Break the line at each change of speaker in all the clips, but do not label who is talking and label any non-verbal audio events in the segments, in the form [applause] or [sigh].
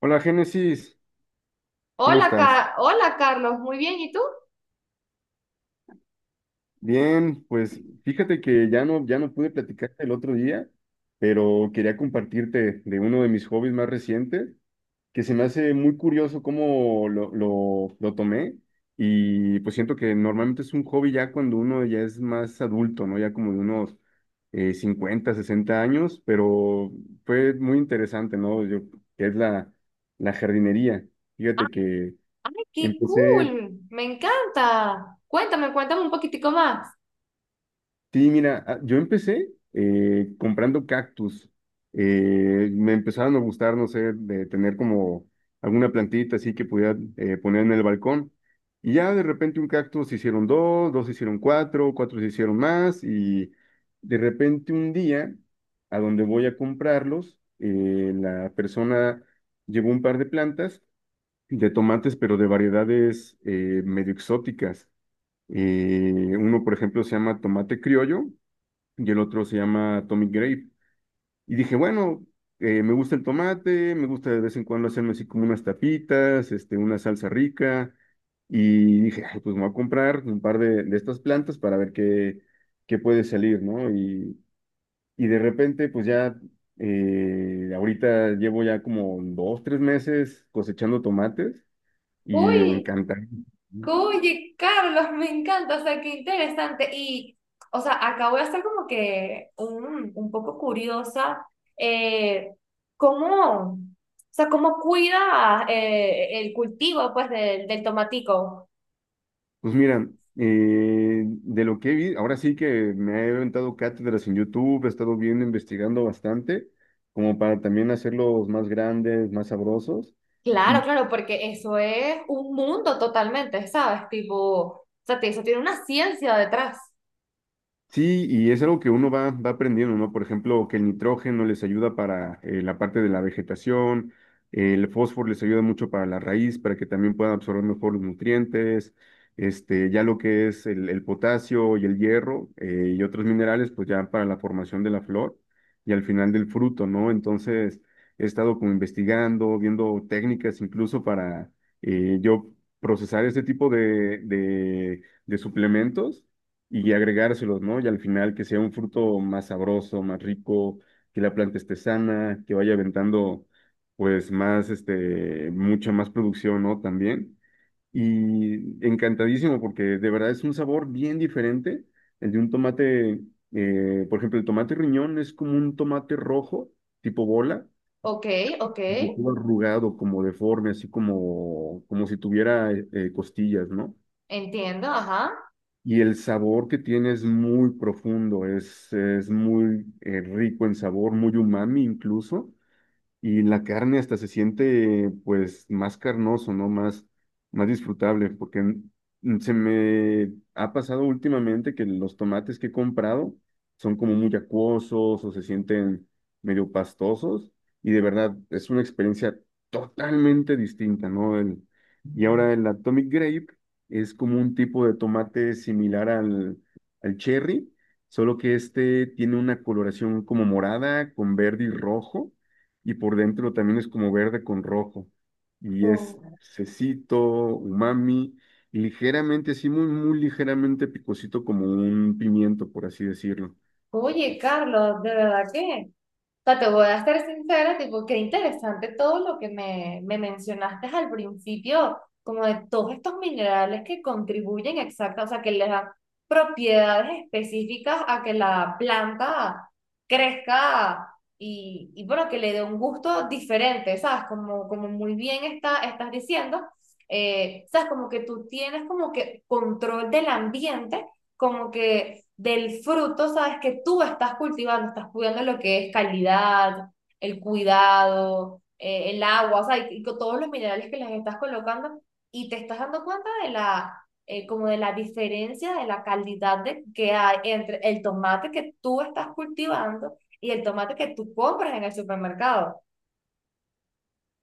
Hola Génesis, ¿cómo
Hola,
estás?
Hola Carlos, muy bien, ¿y tú?
Bien, pues fíjate que ya no pude platicarte el otro día, pero quería compartirte de uno de mis hobbies más recientes, que se me hace muy curioso cómo lo tomé. Y pues siento que normalmente es un hobby ya cuando uno ya es más adulto, ¿no? Ya como de unos 50, 60 años, pero fue muy interesante, ¿no? Yo, que es la jardinería.
Ah,
Fíjate que...
¡Ay, qué
Empecé
cool! Me encanta. Cuéntame, cuéntame un poquitico más.
Sí, mira, yo empecé comprando cactus. Me empezaron a gustar, no sé, de tener como alguna plantita así que pudiera poner en el balcón. Y ya de repente un cactus se hicieron dos, dos se hicieron cuatro, cuatro se hicieron más. Y de repente un día, a donde voy a comprarlos, la persona llevó un par de plantas de tomates, pero de variedades medio exóticas. Uno, por ejemplo, se llama tomate criollo, y el otro se llama Atomic Grape. Y dije, bueno, me gusta el tomate, me gusta de vez en cuando hacerme así como unas tapitas, este, una salsa rica. Y dije, "Ay, pues me voy a comprar un par de estas plantas para ver qué, qué puede salir, ¿no?" Y de repente, pues ya, ahorita llevo ya como dos, tres meses cosechando tomates y
Uy.
encantado.
Oye, Carlos, me encanta, o sea, qué interesante. Y, o sea, acabo de estar como que un poco curiosa, eh, ¿cómo, o sea, cómo cuida el cultivo, pues, del tomatico?
Pues mira, de lo que he visto, ahora sí que me he aventado cátedras en YouTube. He estado viendo, investigando bastante, como para también hacerlos más grandes, más sabrosos.
Claro,
Y
claro, porque eso es un mundo totalmente, ¿sabes? Tipo, o sea, eso tiene una ciencia detrás.
sí, y es algo que uno va, va aprendiendo, ¿no? Por ejemplo, que el nitrógeno les ayuda para la parte de la vegetación, el fósforo les ayuda mucho para la raíz, para que también puedan absorber mejor los nutrientes, este, ya lo que es el potasio y el hierro y otros minerales, pues ya para la formación de la flor y al final del fruto, ¿no? Entonces, he estado como investigando, viendo técnicas incluso para yo procesar este tipo de suplementos y agregárselos, ¿no? Y al final que sea un fruto más sabroso, más rico, que la planta esté sana, que vaya aventando, pues, más, este, mucha más producción, ¿no? También. Y encantadísimo, porque de verdad es un sabor bien diferente. El de un tomate, por ejemplo, el tomate riñón es como un tomate rojo, tipo bola,
Ok, ok,
como todo arrugado, como deforme, así como, como si tuviera costillas, ¿no?
entiendo, ajá.
Y el sabor que tiene es muy profundo, es muy rico en sabor, muy umami incluso, y la carne hasta se siente pues más carnoso, ¿no? Más, más disfrutable, porque se me ha pasado últimamente que los tomates que he comprado son como muy acuosos o se sienten medio pastosos, y de verdad es una experiencia totalmente distinta, ¿no? El- y ahora el Atomic Grape es como un tipo de tomate similar al, al cherry, solo que este tiene una coloración como morada con verde y rojo, y por dentro también es como verde con rojo. Y es cecito, umami, y ligeramente, sí, muy, muy ligeramente picosito como un pimiento, por así decirlo.
Oye, Carlos, de verdad que... O sea, te voy a ser sincera, tipo, qué interesante todo lo que me mencionaste al principio, como de todos estos minerales que contribuyen exacta, o sea, que les dan propiedades específicas a que la planta crezca y bueno, que le dé un gusto diferente, ¿sabes? Como, como muy bien estás diciendo, ¿sabes? Como que tú tienes como que control del ambiente, como que del fruto, sabes que tú estás cultivando, estás cuidando lo que es calidad, el cuidado, el agua, o sea, y con todos los minerales que les estás colocando y te estás dando cuenta de la, como de la diferencia de la calidad de, que hay entre el tomate que tú estás cultivando y el tomate que tú compras en el supermercado.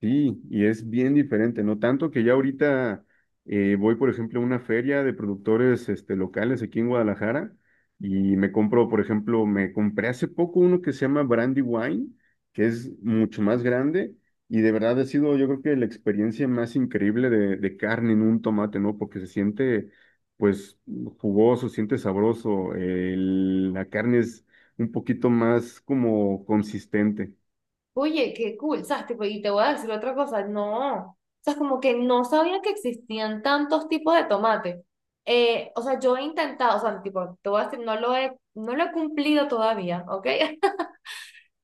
Sí, y es bien diferente, no tanto que ya ahorita voy, por ejemplo, a una feria de productores este, locales aquí en Guadalajara, y me compro, por ejemplo, me compré hace poco uno que se llama Brandy Wine, que es mucho más grande, y de verdad ha sido, yo creo, que la experiencia más increíble de carne en un tomate, ¿no? Porque se siente, pues, jugoso, siente sabroso, el- la carne es un poquito más como consistente,
Oye, qué cool, ¿sabes? Tipo, y te voy a decir otra cosa, no, o sea, es como que no sabía que existían tantos tipos de tomate. O sea, yo he intentado, o sea, tipo, te voy a decir, no lo he cumplido todavía, ¿ok? [laughs]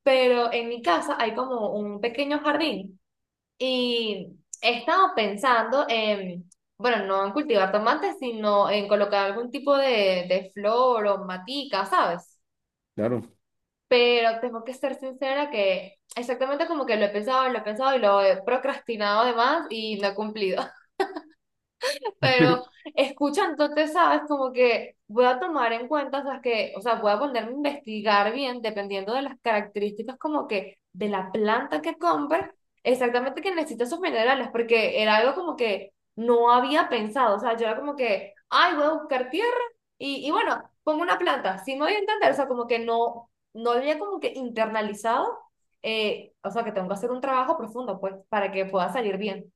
Pero en mi casa hay como un pequeño jardín y he estado pensando en, bueno, no en cultivar tomates, sino en colocar algún tipo de flor o matica, ¿sabes?
claro.
Pero tengo que ser sincera que exactamente como que lo he pensado y lo he procrastinado además y no he cumplido. [laughs] Pero
[laughs]
escucha entonces sabes, como que voy a tomar en cuenta, o sea, que, o sea, voy a ponerme a investigar bien, dependiendo de las características como que de la planta que compre, exactamente que necesita esos minerales, porque era algo como que no había pensado, o sea, yo era como que, ay, voy a buscar tierra y bueno, pongo una planta, sí me voy a entender, o sea, como que no, no había como que internalizado, o sea, que tengo que hacer un trabajo profundo, pues, para que pueda salir bien.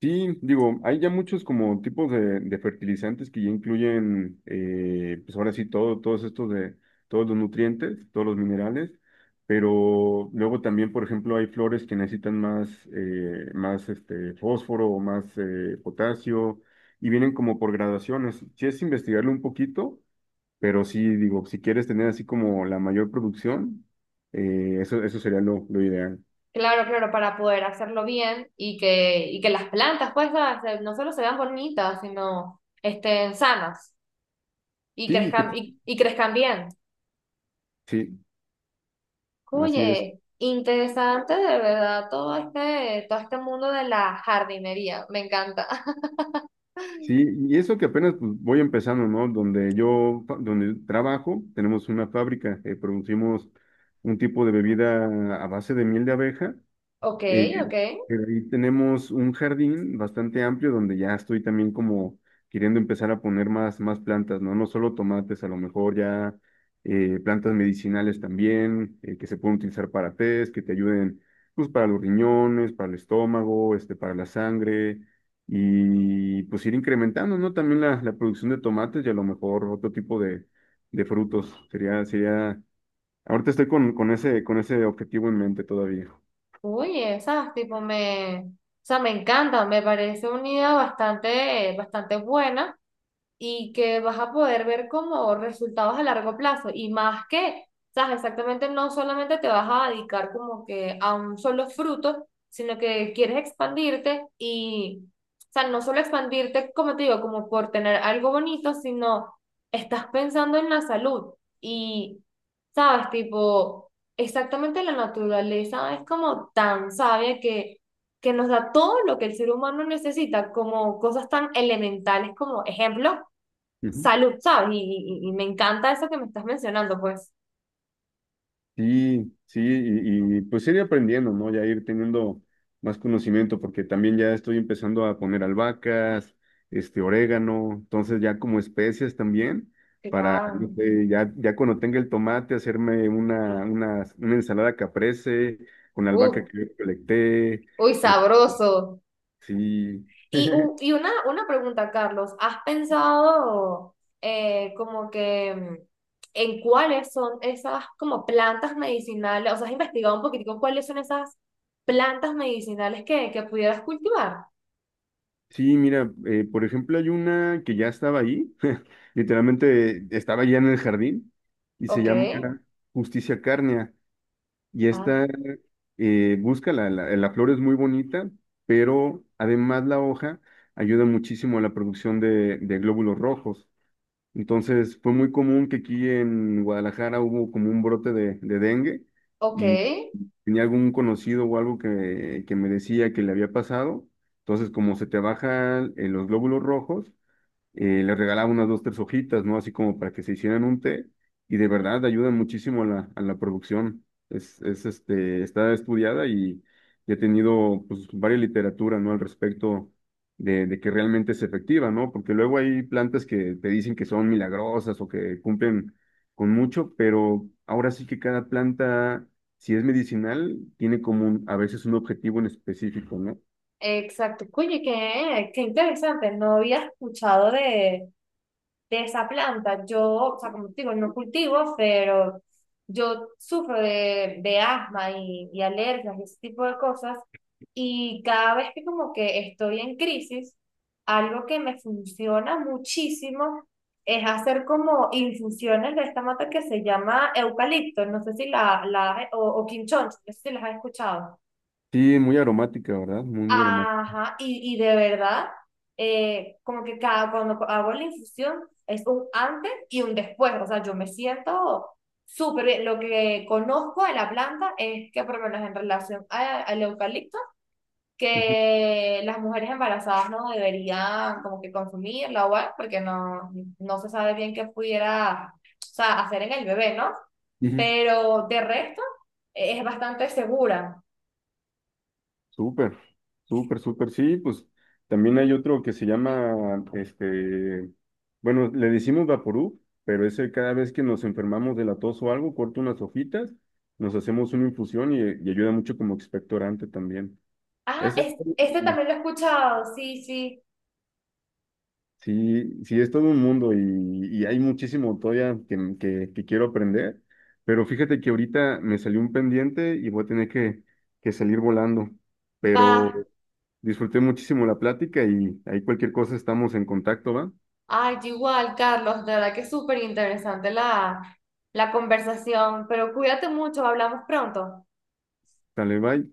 Sí, digo, hay ya muchos como tipos de fertilizantes que ya incluyen, pues ahora sí, todo, todos estos de, todos los nutrientes, todos los minerales, pero luego también, por ejemplo, hay flores que necesitan más, más este, fósforo o más potasio, y vienen como por gradaciones. Sí es investigarlo un poquito, pero sí, digo, si quieres tener así como la mayor producción, eso, eso sería lo ideal.
Claro, claro, para poder hacerlo bien y que las plantas, pues, nada, no solo se vean bonitas, sino estén sanas
Sí, y que,
y crezcan bien.
sí, así es.
Oye, interesante de verdad todo este mundo de la jardinería, me encanta. [laughs]
Sí, y eso que apenas pues, voy empezando, ¿no? Donde yo, fa- donde trabajo, tenemos una fábrica, producimos un tipo de bebida a base de miel de abeja,
Ok,
eh,
ok.
pero ahí tenemos un jardín bastante amplio donde ya estoy también como queriendo empezar a poner más, más plantas, ¿no? No solo tomates, a lo mejor ya plantas medicinales también, que se pueden utilizar para tés, que te ayuden pues para los riñones, para el estómago, este, para la sangre, y pues ir incrementando, ¿no? También la producción de tomates y a lo mejor otro tipo de frutos. Sería, sería, ahorita estoy con ese objetivo en mente todavía.
Oye, esas tipo me, o sea, me encanta, me parece una idea bastante, bastante buena. Y que vas a poder ver como resultados a largo plazo y más que, sabes, exactamente no solamente te vas a dedicar como que a un solo fruto, sino que quieres expandirte y, o sea, no solo expandirte, como te digo, como por tener algo bonito, sino estás pensando en la salud y, sabes, tipo, exactamente la naturaleza es como tan sabia que nos da todo lo que el ser humano necesita, como cosas tan elementales como ejemplo,
Ujú.
salud, ¿sabes? Y me encanta eso que me estás mencionando, pues.
Sí, sí, y, pues ir aprendiendo, ¿no? Ya ir teniendo más conocimiento, porque también ya estoy empezando a poner albahacas, este, orégano, entonces ya como especias también,
Que
para,
nada.
no sé, ya, ya cuando tenga el tomate, hacerme una ensalada caprese, con la albahaca
Uh,
que yo recolecté,
uy,
este,
sabroso.
sí,
Y, y una pregunta, Carlos, ¿has pensado como que en cuáles son esas como plantas medicinales? O sea, ¿has investigado un poquitico cuáles son esas plantas medicinales que pudieras cultivar?
sí, mira, por ejemplo, hay una que ya estaba ahí, [laughs] literalmente estaba ya en el jardín, y se
Ok,
llama Justicia Cárnea. Y
ah,
esta busca, la- la flor es muy bonita, pero además la hoja ayuda muchísimo a la producción de glóbulos rojos. Entonces fue muy común que aquí en Guadalajara hubo como un brote de dengue,
ok,
y tenía algún conocido o algo que me decía que le había pasado. Entonces como se te bajan los glóbulos rojos, les regalaba unas dos, tres hojitas, ¿no? Así como para que se hicieran un té, y de verdad ayudan muchísimo a la producción. Es, este, está estudiada, y he tenido pues varias literaturas, ¿no? Al respecto de que realmente es efectiva, ¿no? Porque luego hay plantas que te dicen que son milagrosas o que cumplen con mucho, pero ahora sí que cada planta, si es medicinal, tiene como un- a veces un objetivo en específico, ¿no?
exacto. Oye, qué, qué interesante, no había escuchado de esa planta. Yo, o sea, como te digo, no cultivo, pero yo sufro de asma y alergias y ese tipo de cosas. Y cada vez que como que estoy en crisis, algo que me funciona muchísimo es hacer como infusiones de esta mata que se llama eucalipto. No sé si la, la o quinchón, no sé si las has escuchado.
Sí, muy aromática, ¿verdad? Muy, muy aromática.
Ajá, y de verdad, como que cada, cuando hago la infusión es un antes y un después, o sea, yo me siento súper bien. Lo que conozco de la planta es que, por lo menos en relación al eucalipto,
Ujú,
que las mujeres embarazadas no deberían como que consumirla o algo, porque no, no se sabe bien qué pudiera, o sea, hacer en el bebé, ¿no?
ujú.
Pero de resto, es bastante segura.
Súper, súper, súper, sí, pues también hay otro que se llama, este, bueno, le decimos Vaporub, pero ese cada vez que nos enfermamos de la tos o algo, corto unas hojitas, nos hacemos una infusión y ayuda mucho como expectorante también.
Ah,
Ese,
este también lo he escuchado, sí, sí,
sí, sí, es todo un mundo, y hay muchísimo todavía que quiero aprender, pero fíjate que ahorita me salió un pendiente y voy a tener que salir volando, pero
va.
disfruté muchísimo la plática y ahí cualquier cosa estamos en contacto, ¿va?
Ay, yo igual, Carlos, de verdad que es súper interesante la, la conversación, pero cuídate mucho, hablamos pronto.
Dale, bye.